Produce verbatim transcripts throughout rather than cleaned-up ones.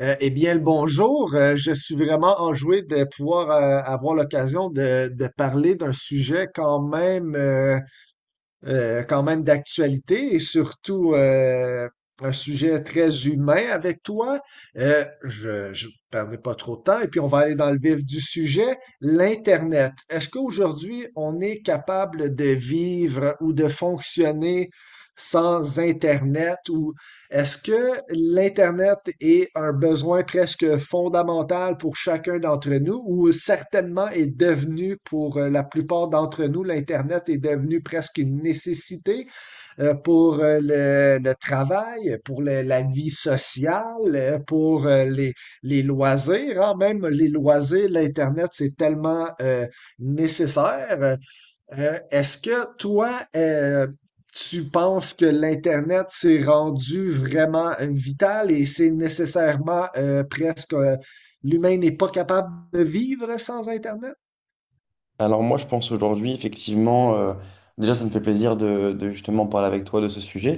Euh, eh bien, le bonjour. Euh, je suis vraiment enjoué de pouvoir euh, avoir l'occasion de, de parler d'un sujet quand même, euh, euh, quand même d'actualité et surtout euh, un sujet très humain avec toi. Euh, je ne perdrai pas trop de temps et puis on va aller dans le vif du sujet, l'Internet. Est-ce qu'aujourd'hui on est capable de vivre ou de fonctionner sans Internet ou est-ce que l'Internet est un besoin presque fondamental pour chacun d'entre nous ou certainement est devenu pour euh, la plupart d'entre nous, l'Internet est devenu presque une nécessité euh, pour euh, le, le travail, pour le- la vie sociale, euh, pour euh, les, les loisirs, hein, même les loisirs, l'Internet, c'est tellement euh, nécessaire. Euh, euh, est-ce que toi, euh, tu penses que l'Internet s'est rendu vraiment euh, vital et c'est nécessairement euh, presque euh, l'humain n'est pas capable de vivre sans Internet? Alors moi, je pense aujourd'hui, effectivement, euh, déjà, ça me fait plaisir de, de justement parler avec toi de ce sujet.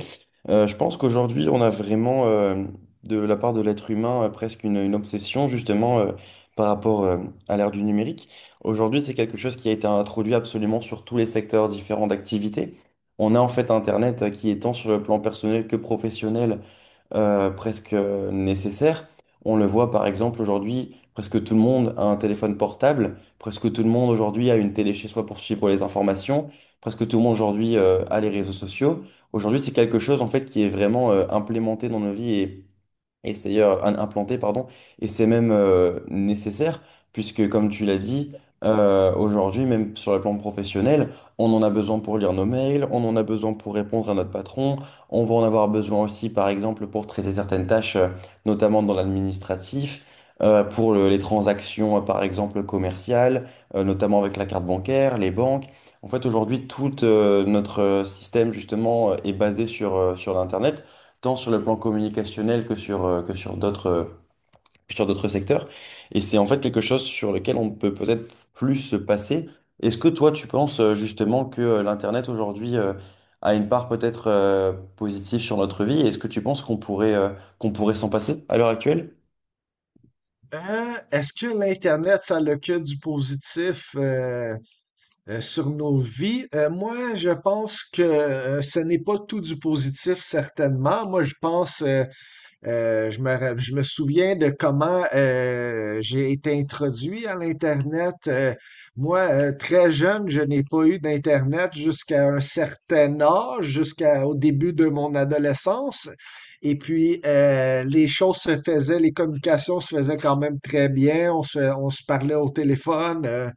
Euh, je pense qu'aujourd'hui, on a vraiment, euh, de la part de l'être humain, euh, presque une, une obsession, justement, euh, par rapport, euh, à l'ère du numérique. Aujourd'hui, c'est quelque chose qui a été introduit absolument sur tous les secteurs différents d'activité. On a en fait Internet euh, qui est tant sur le plan personnel que professionnel euh, presque euh, nécessaire. On le voit par exemple aujourd'hui, presque tout le monde a un téléphone portable, presque tout le monde aujourd'hui a une télé chez soi pour suivre les informations, presque tout le monde aujourd'hui euh, a les réseaux sociaux. Aujourd'hui, c'est quelque chose en fait qui est vraiment euh, implémenté dans nos vies et c'est euh, un- implanté, pardon, et c'est même euh, nécessaire, puisque comme tu l'as dit, euh, aujourd'hui, même sur le plan professionnel, on en a besoin pour lire nos mails, on en a besoin pour répondre à notre patron, on va en avoir besoin aussi, par exemple, pour traiter certaines tâches, euh, notamment dans l'administratif, euh, pour le- les transactions, euh, par exemple, commerciales, euh, notamment avec la carte bancaire, les banques. En fait, aujourd'hui, tout euh, notre euh, système, justement, euh, est basé sur, euh, sur l'Internet tant sur le plan communicationnel que sur, euh, que sur d'autres euh, sur d'autres secteurs. Et c'est en fait quelque chose sur lequel on peut peut-être plus se passer. Est-ce que toi, tu penses euh, justement que euh, l'Internet aujourd'hui euh, a une part peut-être euh, positive sur notre vie? Et est-ce que tu penses qu'on pourrait, euh, qu'on pourrait s'en passer à l'heure actuelle? Euh, est-ce que l'Internet, ça a le que du positif? Euh, Euh, sur nos vies, euh, moi, je pense que euh, ce n'est pas tout du positif, certainement. Moi, je pense, euh, euh, je me, ra- je me souviens de comment euh, j'ai été introduit à l'Internet. Euh, moi, euh, très jeune, je n'ai pas eu d'Internet jusqu'à un certain âge, jusqu'au début de mon adolescence. Et puis, euh, les choses se faisaient, les communications se faisaient quand même très bien. On se, on se parlait au téléphone. euh,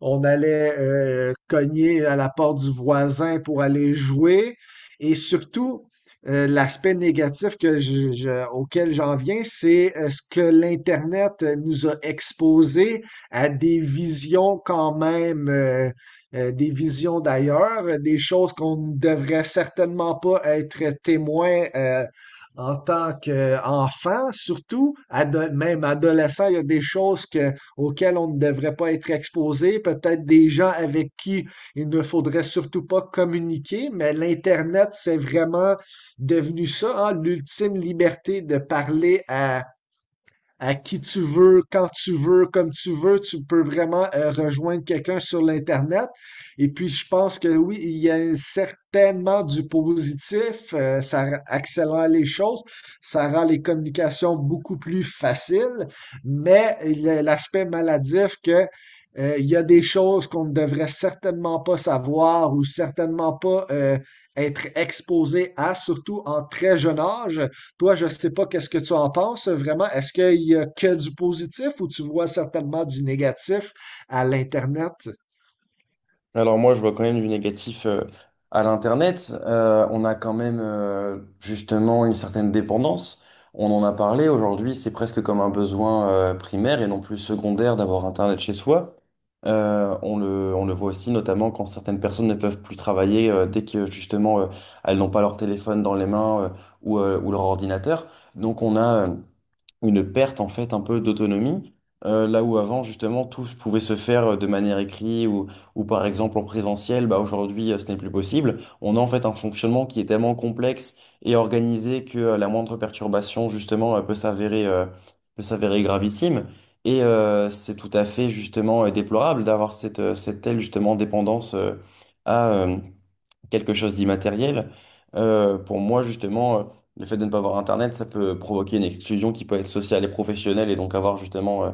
On allait euh, cogner à la porte du voisin pour aller jouer. Et surtout, euh, l'aspect négatif que je- je- auquel j'en viens, c'est euh, ce que l'Internet euh, nous a exposé à des visions quand même, euh, euh, des visions d'ailleurs, euh, des choses qu'on ne devrait certainement pas être témoin euh, en tant qu'enfant, surtout, ado- même adolescent, il y a des choses que auxquels on ne devrait pas être exposé, peut-être des gens avec qui il ne faudrait surtout pas communiquer, mais l'Internet, c'est vraiment devenu ça, hein, l'ultime liberté de parler à à qui tu veux, quand tu veux, comme tu veux. Tu peux vraiment euh, rejoindre quelqu'un sur l'Internet. Et puis, je pense que oui, il y a certainement du positif. Euh, ça accélère les choses. Ça rend les communications beaucoup plus faciles. Mais il y a l'aspect maladif que euh, il y a des choses qu'on ne devrait certainement pas savoir ou certainement pas euh, être exposé à, surtout en très jeune âge. Toi, je sais pas qu'est-ce que tu en penses euh, vraiment. Est-ce qu'il y a que du positif ou tu vois certainement du négatif à l'Internet? Alors moi, je vois quand même du négatif euh, à l'Internet. Euh, on a quand même euh, justement une certaine dépendance. On en a parlé aujourd'hui, c'est presque comme un besoin euh, primaire et non plus secondaire d'avoir Internet chez soi. Euh, on le, on le voit aussi notamment quand certaines personnes ne peuvent plus travailler euh, dès que justement euh, elles n'ont pas leur téléphone dans les mains euh, ou, euh, ou leur ordinateur. Donc on a... euh, une perte en fait un peu d'autonomie, euh, là où avant justement tout se- pouvait se faire euh, de manière écrite ou, ou par exemple en présentiel, bah aujourd'hui euh, ce n'est plus possible. On a en fait un fonctionnement qui est tellement complexe et organisé que euh, la moindre perturbation justement euh, peut s'avérer euh, peut s'avérer gravissime. Et euh, c'est tout à fait justement euh, déplorable d'avoir cette, euh, cette telle justement dépendance euh, à, euh, quelque chose d'immatériel. Euh, pour moi, justement, euh, le fait de ne pas avoir Internet, ça peut provoquer une exclusion qui peut être sociale et professionnelle et donc avoir justement euh,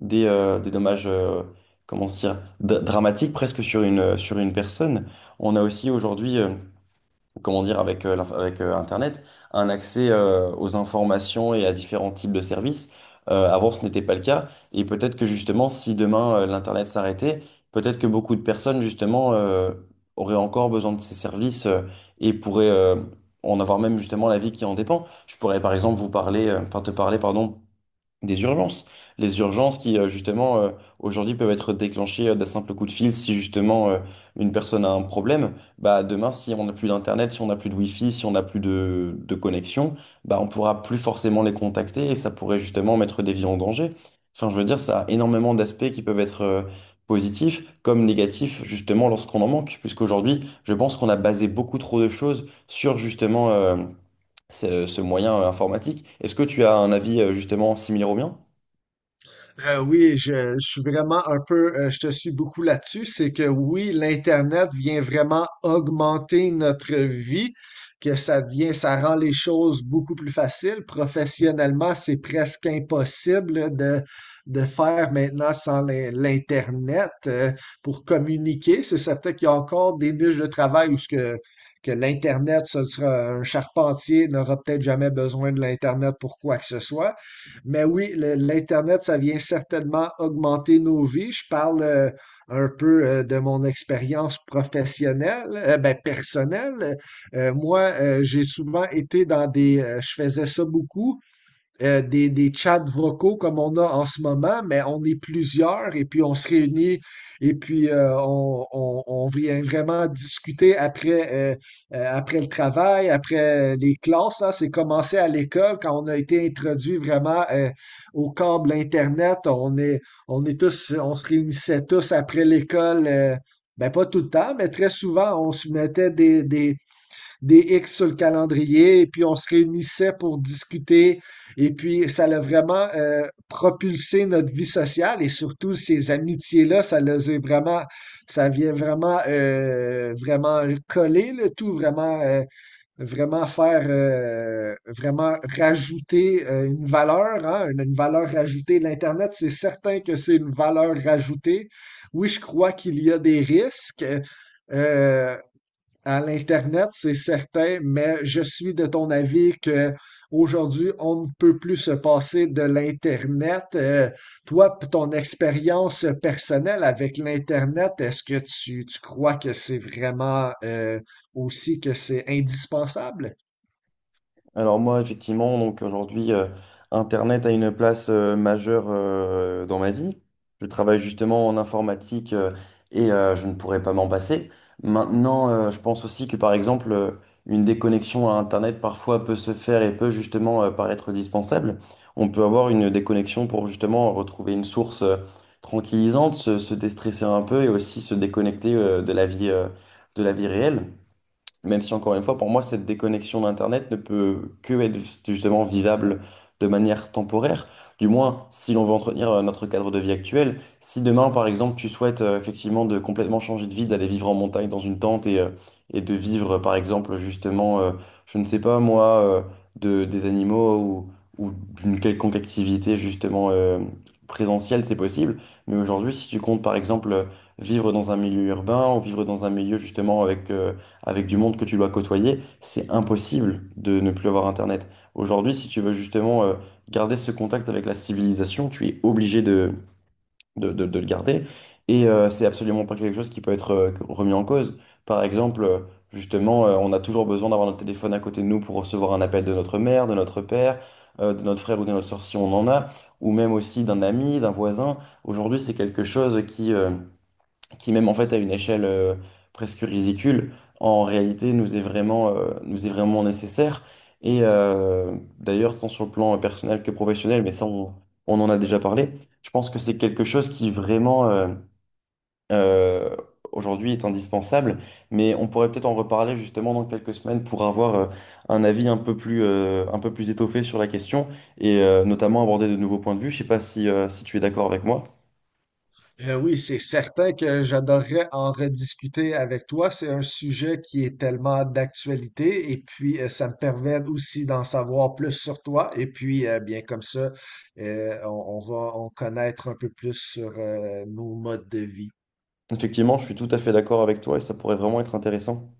des, euh, des dommages, euh, comment se dire, dra- dramatiques presque sur une, euh, sur une personne. On a aussi aujourd'hui... euh, comment dire, avec, euh, l'inf- avec euh, Internet, un accès euh, aux informations et à différents types de services. Euh, avant, ce n'était pas le cas. Et peut-être que justement, si demain euh, l'Internet s'arrêtait, peut-être que beaucoup de personnes, justement, euh, auraient encore besoin de ces services euh, et pourraient euh, en avoir même justement la vie qui en dépend. Je pourrais, par exemple, vous parler, euh, enfin, te parler, pardon, des urgences. Les urgences qui, euh, justement, euh, aujourd'hui peuvent être déclenchées euh, d'un simple coup de fil si, justement, euh, une personne a un problème. Bah, demain, si on n'a plus d'Internet, si on n'a plus de Wi-Fi, si on n'a plus de, de connexion, bah, on pourra plus forcément les contacter et ça pourrait, justement, mettre des vies en danger. Enfin, je veux dire, ça a énormément d'aspects qui peuvent être euh, positifs comme négatifs, justement, lorsqu'on en manque. Puisqu'aujourd'hui, je pense qu'on a basé beaucoup trop de choses sur, justement, euh, ce, ce moyen euh, informatique. Est-ce que tu as un avis, euh, justement, similaire au mien? Euh, oui, je, je suis vraiment un peu, euh, je te suis beaucoup là-dessus. C'est que oui, l'Internet vient vraiment augmenter notre vie, que ça devient, ça rend les choses beaucoup plus faciles. Professionnellement, c'est presque impossible de, de faire maintenant sans l'in- l'Internet, euh, pour communiquer. C'est certain qu'il y a encore des niches de travail où ce que, que l'Internet, ce sera un charpentier n'aura peut-être jamais besoin de l'Internet pour quoi que ce soit. Mais oui, le- l'Internet, ça vient certainement augmenter nos vies. Je parle euh, un peu euh, de mon expérience professionnelle, euh, ben, personnelle. Euh, moi, euh, j'ai souvent été dans des, euh, je faisais ça beaucoup, euh, des, des chats vocaux comme on a en ce moment, mais on est plusieurs et puis on se réunit et puis euh, on, on, on vient vraiment discuter après, euh, euh, après le travail, après les classes. Là. C'est commencé à l'école quand on a été introduit vraiment euh, au câble Internet. On est, on est tous, on se réunissait tous après l'école. Euh, ben pas tout le temps, mais très souvent, on se mettait des, des, des X sur le calendrier, et puis on se réunissait pour discuter, et puis ça l'a vraiment euh, propulsé notre vie sociale, et surtout ces amitiés-là, ça les a vraiment, ça vient vraiment, euh, vraiment coller le tout, vraiment, euh, vraiment faire, euh, vraiment rajouter euh, une valeur, hein, une, une valeur rajoutée. L'Internet, c'est certain que c'est une valeur rajoutée. Oui, je crois qu'il y a des risques. Euh, à l'Internet, c'est certain, mais je suis de ton avis que aujourd'hui, on ne peut plus se passer de l'Internet. Euh, toi, p- ton expérience personnelle avec l'Internet, est-ce que tu, tu crois que c'est vraiment euh, aussi que c'est indispensable? Alors moi, effectivement, donc aujourd'hui, euh, Internet a une place euh, majeure euh, dans ma vie. Je travaille justement en informatique euh, et euh, je ne pourrais pas m'en passer. Maintenant, euh, je pense aussi que par exemple, euh, une déconnexion à Internet parfois peut se faire et peut justement euh, paraître dispensable. On peut avoir une déconnexion pour justement retrouver une source euh, tranquillisante, se, se déstresser un peu et aussi se déconnecter euh, de la vie, euh, de la vie réelle. Même si, encore une fois, pour moi, cette déconnexion d'Internet ne peut que être justement vivable de manière temporaire. Du moins, si l'on veut entretenir euh, notre cadre de vie actuel. Si demain, par exemple, tu souhaites euh, effectivement de complètement changer de vie, d'aller vivre en montagne dans une tente et, euh, et de vivre, par exemple, justement, euh, je ne sais pas moi, euh, de, des animaux ou, ou d'une quelconque activité justement euh, présentielle, c'est possible. Mais aujourd'hui, si tu comptes, par exemple, vivre dans un milieu urbain ou vivre dans un milieu justement avec... euh, avec du monde que tu dois côtoyer, c'est impossible de ne plus avoir Internet. Aujourd'hui, si tu veux justement euh, garder ce contact avec la civilisation, tu es obligé de, de, de- de le garder. Et euh, c'est absolument pas quelque chose qui peut être euh, remis en cause. Par exemple, euh, justement, euh, on a toujours besoin d'avoir notre téléphone à côté de nous pour recevoir un appel de notre mère, de notre père, euh, de notre frère ou de notre soeur si on en a, ou même aussi d'un ami, d'un voisin. Aujourd'hui, c'est quelque chose qui... euh, qui même en fait à une échelle euh, presque ridicule, en réalité nous est vraiment, euh, nous est vraiment nécessaire. Et euh, d'ailleurs, tant sur le plan euh, personnel que professionnel, mais ça on, on en a déjà parlé, je pense que c'est quelque chose qui vraiment euh, euh, aujourd'hui est indispensable, mais on pourrait peut-être en reparler justement dans quelques semaines pour avoir euh, un avis un peu plus, euh, un peu plus étoffé sur la question et euh, notamment aborder de nouveaux points de vue. Je sais pas si, euh, si tu es d'accord avec moi. Euh, oui, c'est certain que j'adorerais en rediscuter avec toi. C'est un sujet qui est tellement d'actualité et puis euh, ça me permet aussi d'en savoir plus sur toi. Et puis, euh, bien comme ça, euh, on, on va en connaître un peu plus sur euh, nos modes de vie. Effectivement, je suis tout à fait d'accord avec toi et ça pourrait vraiment être intéressant.